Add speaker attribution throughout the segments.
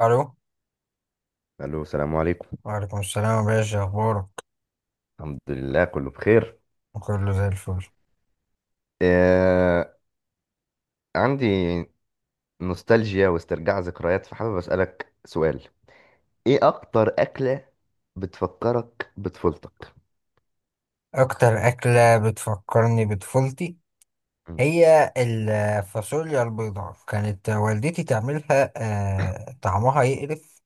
Speaker 1: الو.
Speaker 2: الو، السلام عليكم.
Speaker 1: وعليكم السلام يا باشا، اخبارك؟
Speaker 2: الحمد لله، كله بخير.
Speaker 1: كله زي الفل.
Speaker 2: آه. عندي نوستالجيا واسترجاع ذكريات، فحابب اسالك سؤال. ايه اكتر اكله بتفكرك بطفولتك؟
Speaker 1: اكتر اكله بتفكرني بطفولتي
Speaker 2: مم.
Speaker 1: هي الفاصوليا البيضاء، كانت والدتي تعملها. طعمها يقرف.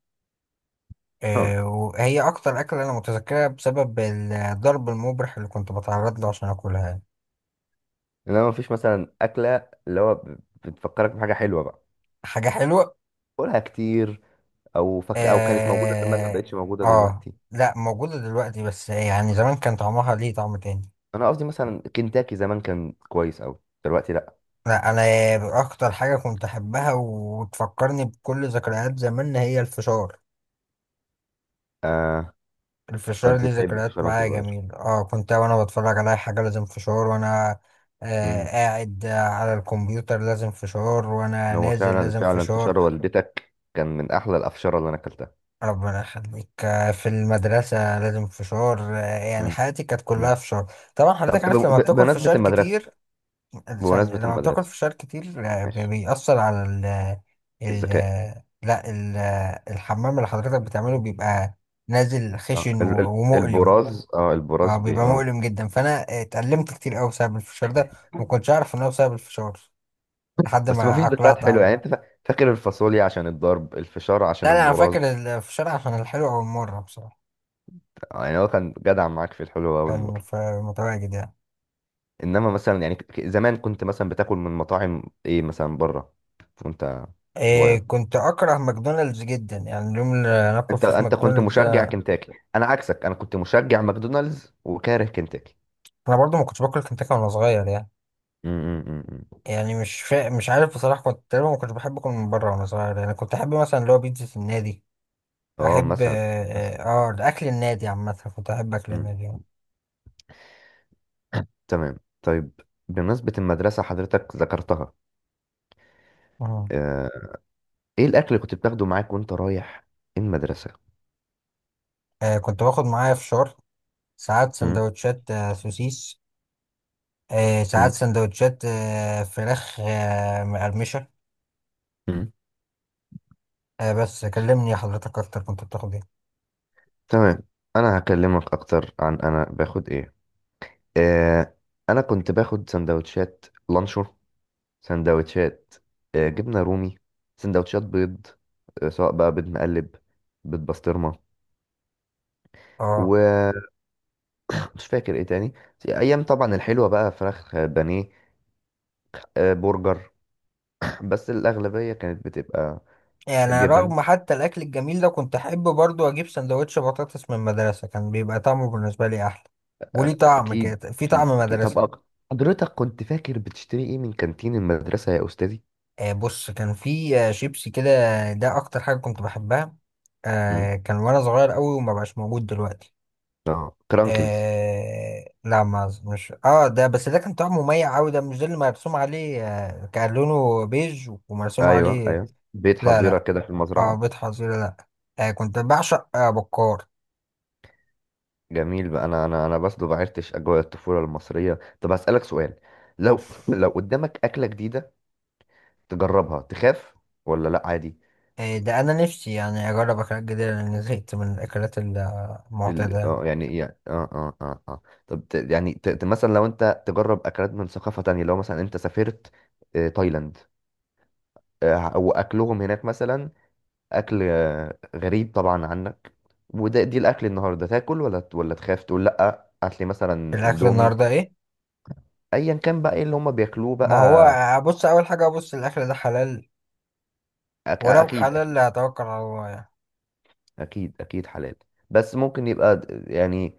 Speaker 2: اه،
Speaker 1: وهي اكتر اكله انا متذكرها بسبب الضرب المبرح اللي كنت بتعرض له عشان اكلها.
Speaker 2: لو مفيش مثلا اكله اللي هو بتفكرك بحاجه حلوه بقى،
Speaker 1: حاجه حلوه.
Speaker 2: كلها كتير، او كانت موجوده زمان ما
Speaker 1: اه.
Speaker 2: بقتش موجوده
Speaker 1: آه،
Speaker 2: دلوقتي.
Speaker 1: لا، موجوده دلوقتي بس يعني زمان كان طعمها ليه طعم تاني.
Speaker 2: انا قصدي مثلا كنتاكي زمان كان كويس قوي، دلوقتي لا.
Speaker 1: لا، انا اكتر حاجه كنت احبها وتفكرني بكل ذكريات زمان هي الفشار.
Speaker 2: آه.
Speaker 1: الفشار
Speaker 2: كنت
Speaker 1: ليه
Speaker 2: تحب
Speaker 1: ذكريات
Speaker 2: الفشار وانت
Speaker 1: معايا
Speaker 2: صغير؟
Speaker 1: جميل. اه، كنت وانا بتفرج على أي حاجه لازم فشار، وانا قاعد على الكمبيوتر لازم فشار، وانا
Speaker 2: هو
Speaker 1: نازل
Speaker 2: فعلا
Speaker 1: لازم
Speaker 2: فعلا
Speaker 1: فشار.
Speaker 2: فشار والدتك كان من احلى الافشاره اللي انا اكلتها.
Speaker 1: ربنا يخليك. في المدرسه لازم فشار. يعني
Speaker 2: مم.
Speaker 1: حياتي كانت
Speaker 2: مم.
Speaker 1: كلها فشار، طبعا
Speaker 2: طب
Speaker 1: حضرتك عارف لما بتاكل
Speaker 2: بمناسبه
Speaker 1: فشار
Speaker 2: المدرسه،
Speaker 1: كتير ثانية،
Speaker 2: بمناسبه
Speaker 1: لما بتاكل
Speaker 2: المدرسه.
Speaker 1: فشار كتير
Speaker 2: ماشي.
Speaker 1: بيأثر على ال ال
Speaker 2: الذكاء.
Speaker 1: لا، الحمام اللي حضرتك بتعمله بيبقى نازل
Speaker 2: اه
Speaker 1: خشن ومؤلم.
Speaker 2: البراز اه البراز بي
Speaker 1: بيبقى
Speaker 2: اه
Speaker 1: مؤلم جدا، فأنا اتألمت كتير أوي بسبب الفشار ده. ما كنتش أعرف إن هو بسبب الفشار لحد
Speaker 2: بس ما
Speaker 1: ما
Speaker 2: فيش ذكريات
Speaker 1: أقلعت
Speaker 2: حلوه،
Speaker 1: عنه.
Speaker 2: يعني انت فاكر الفاصوليا عشان الضرب، الفشار عشان
Speaker 1: لا، لا، أنا
Speaker 2: البراز.
Speaker 1: فاكر الفشار عشان الحلو. أول مرة بصراحة
Speaker 2: يعني هو كان جدع معاك في الحلوه اول
Speaker 1: كان
Speaker 2: مره.
Speaker 1: في، متواجد يعني.
Speaker 2: انما مثلا يعني زمان كنت مثلا بتاكل من مطاعم ايه مثلا بره وانت صغير؟
Speaker 1: إيه، كنت أكره ماكدونالدز جدا، يعني اليوم اللي ناكل
Speaker 2: انت
Speaker 1: فيه في
Speaker 2: انت كنت
Speaker 1: ماكدونالدز
Speaker 2: مشجع
Speaker 1: آه،
Speaker 2: كنتاكي، انا عكسك، انا كنت مشجع ماكدونالدز وكاره كنتاكي.
Speaker 1: أنا برضو ما كنتش باكل كنتاكي وأنا صغير يعني.
Speaker 2: مم، مم، مم، مم.
Speaker 1: يعني مش عارف بصراحة، كنت تقريبا ما كنتش بحب أكل من بره وأنا صغير، يعني كنت أحب مثلا اللي هو بيتزا النادي.
Speaker 2: اه،
Speaker 1: أحب
Speaker 2: مثلا. مثلا.
Speaker 1: أكل النادي عامة، كنت أحب أكل
Speaker 2: مم،
Speaker 1: النادي.
Speaker 2: مم. تمام، طيب. بمناسبة المدرسة حضرتك ذكرتها،
Speaker 1: مم.
Speaker 2: آه، ايه الأكل اللي كنت بتاخده معاك وانت رايح المدرسة؟
Speaker 1: كنت باخد معايا فشار، ساعات
Speaker 2: مم،
Speaker 1: سندوتشات سوسيس، ساعات
Speaker 2: مم،
Speaker 1: سندوتشات فراخ مقرمشة.
Speaker 2: مم.
Speaker 1: بس كلمني حضرتك أكتر، كنت بتاخد إيه؟
Speaker 2: تمام، أنا هكلمك أكتر عن أنا باخد ايه. آه، أنا كنت باخد سندوتشات لانشو، سندوتشات جبنة رومي، سندوتشات بيض، سواء بقى بيض مقلب، بيض بسطرمة،
Speaker 1: آه
Speaker 2: ومش فاكر ايه تاني. ايام طبعا الحلوه بقى فراخ بانيه، برجر، بس الأغلبية كانت بتبقى
Speaker 1: يعني
Speaker 2: جبن.
Speaker 1: رغم حتى الأكل الجميل ده، كنت أحب برضو أجيب سندوتش بطاطس من المدرسة، كان بيبقى طعمه بالنسبة لي أحلى. وليه طعم
Speaker 2: أكيد
Speaker 1: كده، في طعم
Speaker 2: أكيد أكيد.
Speaker 1: مدرسة.
Speaker 2: طب حضرتك كنت فاكر بتشتري إيه من كانتين المدرسة يا أستاذي؟
Speaker 1: بص، كان في شيبسي كده، ده اكتر حاجه كنت بحبها.
Speaker 2: مم.
Speaker 1: كان وانا صغير قوي وما بقاش موجود دلوقتي.
Speaker 2: آه، كرانكلز؟
Speaker 1: لا ما أظ- مش، ده بس ده كان طعمه مميع قوي، ده مش ده اللي مرسوم عليه. كان لونه بيج ومرسوم
Speaker 2: أيوه
Speaker 1: عليه.
Speaker 2: أيوه، بيت
Speaker 1: لا،
Speaker 2: حظيرة
Speaker 1: لا،
Speaker 2: كده في
Speaker 1: اه
Speaker 2: المزرعة.
Speaker 1: بيض حظيره لا. كنت بعشق بكار.
Speaker 2: جميل بقى. أنا بس ما بعرتش أجواء الطفولة المصرية. طب هسألك سؤال، لو لو قدامك أكلة جديدة تجربها تخاف، ولا لأ عادي؟
Speaker 1: ده انا نفسي يعني اجرب اكلات جديده لان زهقت من الاكلات
Speaker 2: ال...
Speaker 1: المعتاده.
Speaker 2: اه يعني يعني اه اه اه اه طب يعني مثلا لو انت تجرب اكلات من ثقافة تانية، لو مثلا انت سافرت تايلاند، واكلهم هناك مثلا، اكل غريب طبعا عنك، دي الاكل النهارده تاكل، ولا تخاف تقول لا هات لي مثلا
Speaker 1: الاكل
Speaker 2: اندومي،
Speaker 1: النهارده ايه؟
Speaker 2: ايا كان بقى ايه اللي هم بياكلوه بقى.
Speaker 1: ما هو ابص، اول حاجه ابص الاكل ده حلال. ولو
Speaker 2: اكيد اكيد.
Speaker 1: حلال هتوكل على الله يعني.
Speaker 2: اكيد اكيد حلال. بس ممكن يبقى يعني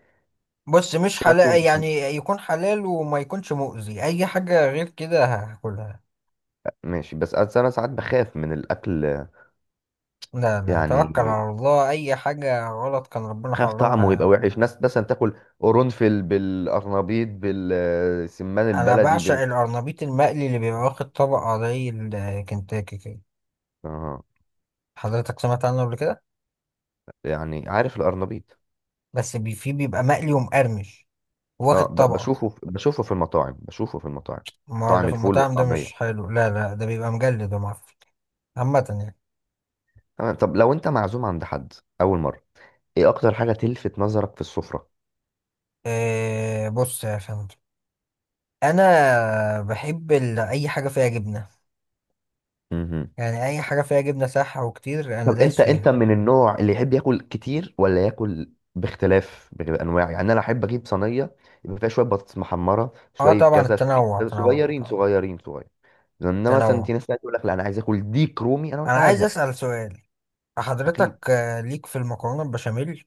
Speaker 1: بص، مش
Speaker 2: شكله
Speaker 1: حلال
Speaker 2: مش
Speaker 1: يعني، يكون حلال وما يكونش مؤذي، اي حاجة غير كده هاكلها.
Speaker 2: ماشي. بس انا ساعات بخاف من الاكل.
Speaker 1: لا، لا، توكل
Speaker 2: يعني
Speaker 1: على الله، اي حاجة غلط كان ربنا
Speaker 2: خاف
Speaker 1: حرمها
Speaker 2: طعمه يبقى
Speaker 1: يعني.
Speaker 2: وحش، ناس مثلا تاكل قرنفل بالقرنبيط بالسمان
Speaker 1: انا
Speaker 2: البلدي
Speaker 1: بعشق
Speaker 2: بال...
Speaker 1: القرنبيط المقلي اللي بيبقى واخد طبقة زي الكنتاكي كده.
Speaker 2: اه،
Speaker 1: حضرتك سمعت عنه قبل كده؟
Speaker 2: يعني عارف القرنبيط.
Speaker 1: بس فيه بيبقى مقلي ومقرمش،
Speaker 2: اه،
Speaker 1: واخد طبقة.
Speaker 2: بشوفه بشوفه في المطاعم، بشوفه في المطاعم.
Speaker 1: ما هو اللي
Speaker 2: طعم
Speaker 1: في
Speaker 2: الفول
Speaker 1: المطاعم ده
Speaker 2: والطعمية.
Speaker 1: مش حلو، لا لا، ده بيبقى مجلد ومعفن. عامة يعني.
Speaker 2: تمام، طب لو انت معزوم عند حد اول مرة، ايه اكتر حاجة تلفت نظرك في السفرة؟
Speaker 1: إيه، بص يا فندم، انا بحب اي حاجه فيها جبنه.
Speaker 2: مهم.
Speaker 1: يعني اي حاجه فيها جبنه، صح، وكتير انا
Speaker 2: طب
Speaker 1: دايس
Speaker 2: انت
Speaker 1: فيها.
Speaker 2: من النوع اللي يحب ياكل كتير ولا ياكل باختلاف بانواع؟ يعني انا احب اجيب صينية يبقى فيها شوية بطاطس محمرة،
Speaker 1: اه
Speaker 2: شوية
Speaker 1: طبعا،
Speaker 2: كذا، شوية
Speaker 1: التنوع،
Speaker 2: كذا،
Speaker 1: تنوع
Speaker 2: صغيرين
Speaker 1: طبعا.
Speaker 2: صغيرين صغيرين. لان مثلا
Speaker 1: تنوع.
Speaker 2: في ناس تانية تقول لك لا انا عايز اكل ديك رومي، انا اقول
Speaker 1: انا
Speaker 2: لك انا
Speaker 1: عايز
Speaker 2: ازهق.
Speaker 1: اسال سؤال.
Speaker 2: اكيد.
Speaker 1: حضرتك ليك في المكرونه البشاميل؟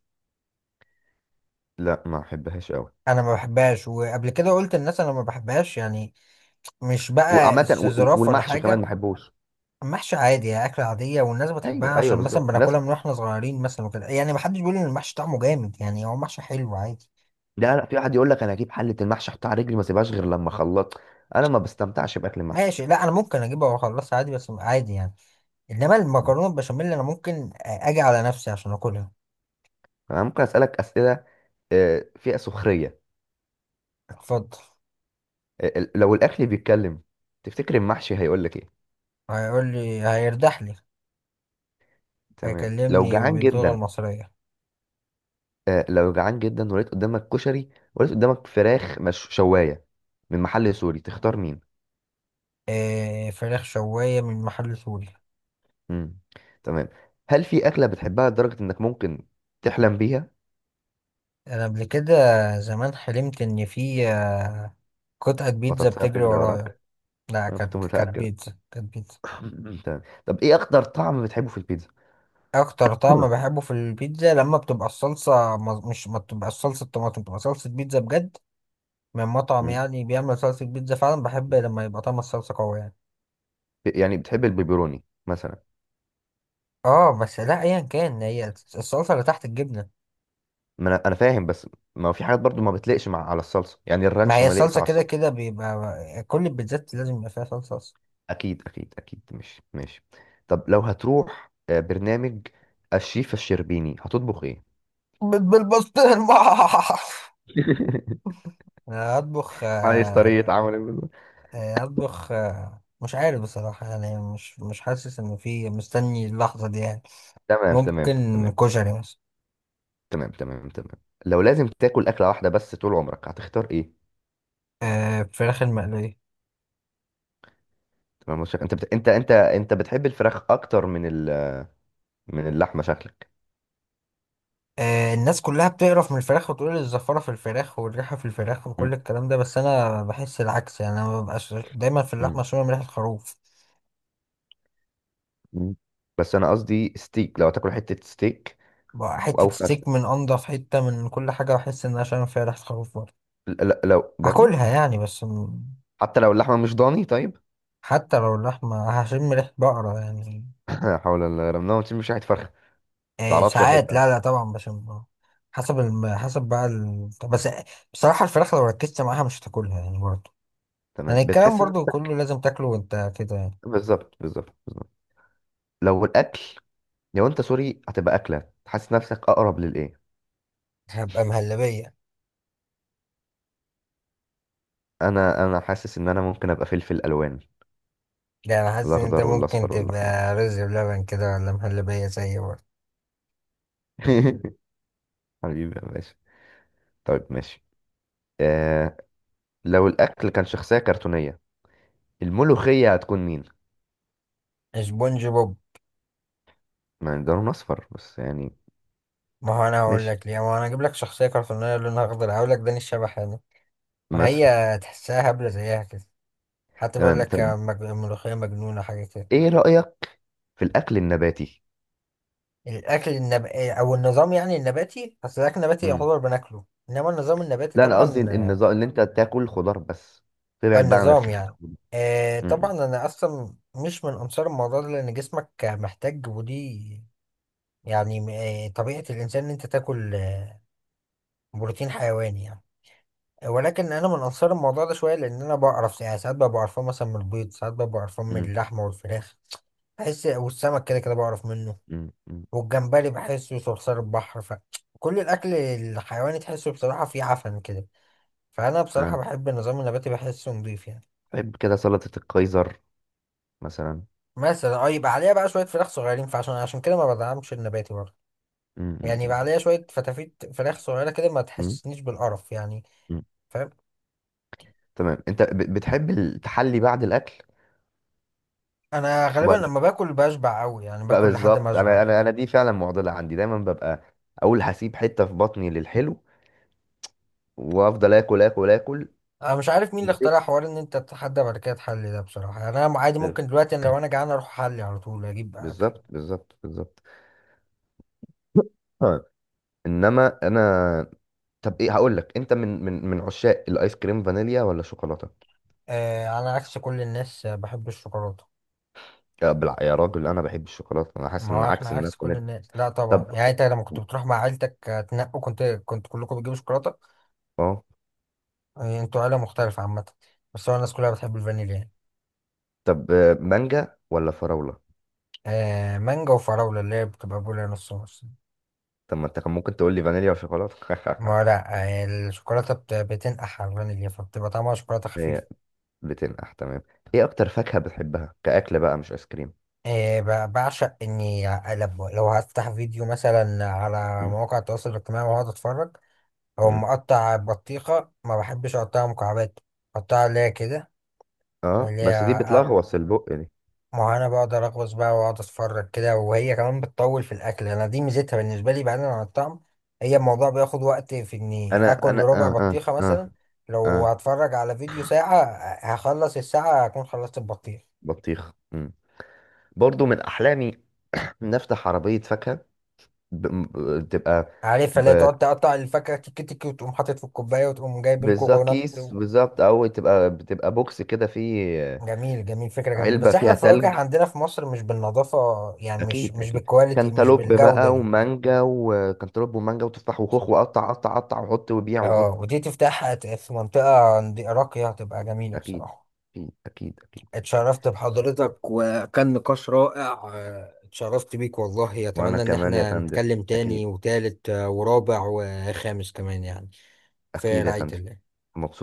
Speaker 2: لا، ما احبهاش قوي.
Speaker 1: انا ما بحبهاش، وقبل كده قلت للناس انا ما بحبهاش يعني، مش بقى
Speaker 2: وعامه،
Speaker 1: استظراف ولا
Speaker 2: والمحشي كمان ما
Speaker 1: حاجه.
Speaker 2: احبوش.
Speaker 1: محشي عادي يعني، اكله عاديه والناس بتحبها
Speaker 2: ايوه ايوه،
Speaker 1: عشان مثلا
Speaker 2: بالظبط،
Speaker 1: بناكلها
Speaker 2: ناس.
Speaker 1: من واحنا صغيرين مثلا وكده، يعني ما حدش بيقول ان المحشي طعمه جامد يعني، هو محشي حلو عادي.
Speaker 2: لا لا، في واحد يقول لك انا اجيب حله المحشي احطها على رجلي ما اسيبهاش غير لما اخلط. انا ما بستمتعش باكل المحشي.
Speaker 1: ماشي، لا انا ممكن اجيبها واخلصها عادي، بس عادي يعني، انما المكرونه البشاميل انا ممكن اجي على نفسي عشان اكلها.
Speaker 2: انا ممكن اسالك اسئله فيها سخريه؟
Speaker 1: اتفضل.
Speaker 2: لو الاكل بيتكلم، تفتكر المحشي هيقول لك ايه؟
Speaker 1: هيقول لي هيرتاح لي.
Speaker 2: تمام. لو
Speaker 1: هيكلمني
Speaker 2: جعان
Speaker 1: باللغه
Speaker 2: جدا،
Speaker 1: المصريه.
Speaker 2: لو جعان جدا ولقيت قدامك كشري، ولقيت قدامك فراخ مش شوايه من محل سوري، تختار مين؟
Speaker 1: إيه، فراخ شوايه من محل سوري.
Speaker 2: مم. تمام. هل في أكلة بتحبها لدرجة إنك ممكن تحلم بيها؟
Speaker 1: انا قبل كده، زمان، حلمت ان في قطعه بيتزا
Speaker 2: بطاطسية
Speaker 1: بتجري
Speaker 2: بتجري
Speaker 1: ورايا.
Speaker 2: وراك؟
Speaker 1: لا،
Speaker 2: أنا كنت
Speaker 1: كانت
Speaker 2: متأكد.
Speaker 1: بيتزا، كانت بيتزا.
Speaker 2: تمام، طب إيه أكتر طعم بتحبه في البيتزا؟
Speaker 1: اكتر طعم بحبه في البيتزا لما بتبقى الصلصه، مز- مش ما بتبقى الصلصه طماطم، بتبقى صلصه بيتزا بجد، من مطعم
Speaker 2: مم.
Speaker 1: يعني بيعمل صلصه بيتزا فعلا. بحب لما يبقى طعم الصلصه قوي يعني.
Speaker 2: يعني بتحب البيبروني مثلا؟
Speaker 1: اه بس، لا ايا كان، هي الصلصه اللي تحت الجبنه.
Speaker 2: ما أنا فاهم، بس ما هو في حاجات برضو ما بتليقش مع على الصلصة، يعني
Speaker 1: ما
Speaker 2: الرانش
Speaker 1: هي
Speaker 2: ما ليقش
Speaker 1: الصلصه
Speaker 2: على
Speaker 1: كده
Speaker 2: الصلصة.
Speaker 1: كده بيبقى كل البيتزات لازم يبقى فيها صلصه اصلا.
Speaker 2: أكيد أكيد أكيد، مش ماشي. طب لو هتروح برنامج الشيف الشربيني هتطبخ إيه؟
Speaker 1: بيت بالبسطرمه. أنا اطبخ
Speaker 2: عايز طريقة عمل البيتزا.
Speaker 1: اطبخ مش عارف بصراحه، يعني مش حاسس انه في مستني اللحظه دي يعني.
Speaker 2: تمام تمام
Speaker 1: ممكن
Speaker 2: تمام.
Speaker 1: كشري مثلا.
Speaker 2: تمام تمام تمام. لو لازم تاكل اكله واحده بس طول عمرك، هتختار ايه؟
Speaker 1: فراخ المقليه.
Speaker 2: تمام. انت انت بتحب الفراخ اكتر من من اللحمه شكلك؟
Speaker 1: الناس كلها بتقرف من الفراخ وتقول الزفارة في الفراخ والريحة في الفراخ وكل
Speaker 2: مم.
Speaker 1: الكلام ده، بس أنا بحس العكس. يعني أنا مببقاش دايما، في
Speaker 2: مم.
Speaker 1: اللحمة شوية من ريحة الخروف.
Speaker 2: مم. بس انا قصدي ستيك، لو هتاكل حته ستيك
Speaker 1: بقى حتة
Speaker 2: او فرخه،
Speaker 1: ستيك من أنضف حتة، من كل حاجة بحس إن أنا شامم فيها ريحة خروف برضه.
Speaker 2: لو برضو
Speaker 1: هاكلها يعني.
Speaker 2: حتى لو اللحمه مش ضاني طيب.
Speaker 1: حتى لو اللحمة، هشم ريحة بقرة يعني.
Speaker 2: لا حول الله، رمنا مش شحت فرخه.
Speaker 1: إيه
Speaker 2: تعرفش
Speaker 1: ساعات،
Speaker 2: الحته.
Speaker 1: لا لا طبعا بشم. حسب بقى طب بس، بصراحة الفراخ لو ركزت معاها مش هتاكلها يعني برضه.
Speaker 2: تمام،
Speaker 1: يعني الكلام
Speaker 2: بتحس
Speaker 1: برضه
Speaker 2: نفسك.
Speaker 1: كله لازم تاكله وأنت كده يعني.
Speaker 2: بالظبط بالظبط بالظبط. لو الاكل، لو انت سوري، هتبقى اكله تحس نفسك اقرب للايه؟
Speaker 1: هبقى مهلبية.
Speaker 2: انا حاسس ان انا ممكن ابقى فلفل الوان،
Speaker 1: ده أنا حاسس إن أنت
Speaker 2: الأخضر
Speaker 1: ممكن
Speaker 2: والأصفر والأحمر.
Speaker 1: تبقى رز بلبن كده ولا مهلبية زي برضه.
Speaker 2: حبيبي يا باشا. طيب، ماشي. آه. لو الأكل كان شخصية كرتونية، الملوخية هتكون مين؟
Speaker 1: اسبونج بوب.
Speaker 2: ما ده لون أصفر بس يعني.
Speaker 1: ما هو انا هقول
Speaker 2: ماشي.
Speaker 1: لك ليه، ما هو انا اجيب لك شخصيه كرتونيه لونها اخضر هقول لك داني الشبح يعني. وهي،
Speaker 2: مثلا.
Speaker 1: تحسها هبله زيها كده، حتى بيقول
Speaker 2: تمام،
Speaker 1: لك
Speaker 2: طب
Speaker 1: ملوخيه مجنونه حاجه كده.
Speaker 2: إيه رأيك في الأكل النباتي؟
Speaker 1: او النظام يعني النباتي، اصل الاكل النباتي
Speaker 2: مم.
Speaker 1: يعتبر بناكله. انما النظام النباتي
Speaker 2: لا، أنا
Speaker 1: طبعا،
Speaker 2: قصدي النظام اللي أنت تاكل خضار بس، تبعد بقى عن
Speaker 1: النظام
Speaker 2: الخير.
Speaker 1: يعني. طبعا
Speaker 2: مم.
Speaker 1: انا اصلا مش من انصار الموضوع ده لان جسمك محتاج ودي يعني. طبيعه الانسان ان انت تاكل بروتين حيواني يعني. ولكن انا من انصار الموضوع ده شويه، لان انا بعرف يعني، ساعات ببقى بعرفه مثلا من البيض، ساعات ببقى بعرفه من
Speaker 2: مم.
Speaker 1: اللحمه والفراخ، بحس، والسمك كده كده بعرف منه،
Speaker 2: مم. مم.
Speaker 1: والجمبري بحسه صرصار البحر، فكل الاكل الحيواني تحسه بصراحه فيه عفن كده. فانا بصراحه
Speaker 2: آه.
Speaker 1: بحب النظام النباتي، بحسه نضيف يعني.
Speaker 2: بحب كده سلطة القيصر مثلا.
Speaker 1: مثلا اه، يبقى عليها بقى شويه فراخ صغيرين، فعشان كده ما بدعمش النباتي برضه.
Speaker 2: مم.
Speaker 1: يعني
Speaker 2: مم.
Speaker 1: يبقى عليها شويه فتافيت فراخ صغيره كده، ما
Speaker 2: مم.
Speaker 1: تحسسنيش بالقرف يعني.
Speaker 2: مم.
Speaker 1: فاهم؟
Speaker 2: تمام، أنت بتحب التحلي بعد الأكل؟
Speaker 1: انا غالبا لما باكل بشبع قوي يعني،
Speaker 2: لا،
Speaker 1: باكل لحد ما
Speaker 2: بالظبط،
Speaker 1: اشبع.
Speaker 2: انا دي فعلا معضله عندي، دايما ببقى اقول هسيب حته في بطني للحلو وافضل اكل اكل اكل
Speaker 1: انا مش عارف مين اللي
Speaker 2: وما
Speaker 1: اخترع
Speaker 2: سيبش.
Speaker 1: حوار ان انت تتحدى بعد كده تحلي ده، بصراحه يعني انا عادي ممكن دلوقتي، أنا لو انا جعان اروح احلي على طول اجيب اكل.
Speaker 2: بالظبط بالظبط بالظبط. آه. انما انا، طب ايه، هقول لك انت من عشاق الايس كريم فانيليا ولا شوكولاته؟
Speaker 1: على عكس كل الناس، بحب الشوكولاته.
Speaker 2: يا راجل، انا بحب الشوكولاته، انا حاسس
Speaker 1: ما
Speaker 2: ان
Speaker 1: هو احنا
Speaker 2: عكس الناس
Speaker 1: عكس كل
Speaker 2: فانيليا.
Speaker 1: الناس، لا طبعا
Speaker 2: طب
Speaker 1: يعني، انت لما كنت بتروح مع عيلتك تنقوا، كنت كلكم بتجيبوا شوكولاته.
Speaker 2: اه
Speaker 1: انتوا عيله مختلفه عامه، بس هو الناس كلها بتحب الفانيليا يعني.
Speaker 2: طب مانجا ولا فراوله؟
Speaker 1: مانجا وفراوله اللي هي بتبقى بولا، نص نص.
Speaker 2: طب ما انت كان ممكن تقول لي فانيليا وشوكولاته.
Speaker 1: ما هو لا، الشوكولاته بتنقح على الفانيليا فبتبقى طعمها شوكولاته خفيف.
Speaker 2: هي بتنقح. تمام. ايه اكتر فاكهة بتحبها كأكل بقى مش ايس كريم؟
Speaker 1: إيه، بعشق اني اقلب، لو هفتح فيديو مثلا على
Speaker 2: مم.
Speaker 1: مواقع التواصل الاجتماعي واقعد اتفرج، او
Speaker 2: مم.
Speaker 1: مقطع بطيخه ما بحبش اقطعها مكعبات، اقطعها اللي هي كده،
Speaker 2: اه
Speaker 1: اللي
Speaker 2: بس دي
Speaker 1: هي أ-
Speaker 2: بتلغوص البق دي.
Speaker 1: ما هو انا بقدر اغوص بقى واقعد اتفرج كده، وهي كمان بتطول في الاكل، انا دي ميزتها بالنسبه لي بعيدا عن الطعم. هي الموضوع بياخد وقت في اني
Speaker 2: انا
Speaker 1: اكل
Speaker 2: انا
Speaker 1: ربع
Speaker 2: اه اه
Speaker 1: بطيخه مثلا،
Speaker 2: اه
Speaker 1: لو
Speaker 2: اه
Speaker 1: هتفرج على فيديو ساعه هخلص الساعه هكون خلصت البطيخ.
Speaker 2: بطيخ. مم. برضو من احلامي. نفتح عربية فاكهة، تبقى،
Speaker 1: عارفها اللي هي
Speaker 2: ب...
Speaker 1: تقعد تقطع الفاكهة تيكي تيكي، وتقوم حاطط في الكوباية، وتقوم جايب
Speaker 2: بالظبط
Speaker 1: الكوكونات
Speaker 2: كيس،
Speaker 1: و-
Speaker 2: بالظبط، او بتبقى بوكس كده فيه
Speaker 1: جميل، جميل، فكرة جميلة،
Speaker 2: علبة
Speaker 1: بس احنا
Speaker 2: فيها
Speaker 1: الفواكه
Speaker 2: تلج.
Speaker 1: عندنا في مصر مش بالنظافة، يعني مش
Speaker 2: اكيد
Speaker 1: مش
Speaker 2: اكيد.
Speaker 1: بالكواليتي، مش
Speaker 2: كانتالوب بقى
Speaker 1: بالجودة دي.
Speaker 2: ومانجا، وكانتالوب ومانجا وتفاح وخوخ، وقطع قطع قطع وحط وبيع
Speaker 1: اه،
Speaker 2: وحط.
Speaker 1: ودي تفتحها في منطقة راقية هتبقى جميلة
Speaker 2: اكيد
Speaker 1: بصراحة.
Speaker 2: اكيد اكيد اكيد.
Speaker 1: اتشرفت بحضرتك، وكان نقاش رائع. اتشرفت بيك والله،
Speaker 2: وانا
Speaker 1: اتمنى ان
Speaker 2: كمان يا
Speaker 1: احنا
Speaker 2: فندم.
Speaker 1: نتكلم تاني
Speaker 2: اكيد
Speaker 1: وتالت ورابع وخامس كمان يعني. في
Speaker 2: اكيد يا
Speaker 1: رعاية
Speaker 2: فندم.
Speaker 1: الله.
Speaker 2: مبسوط.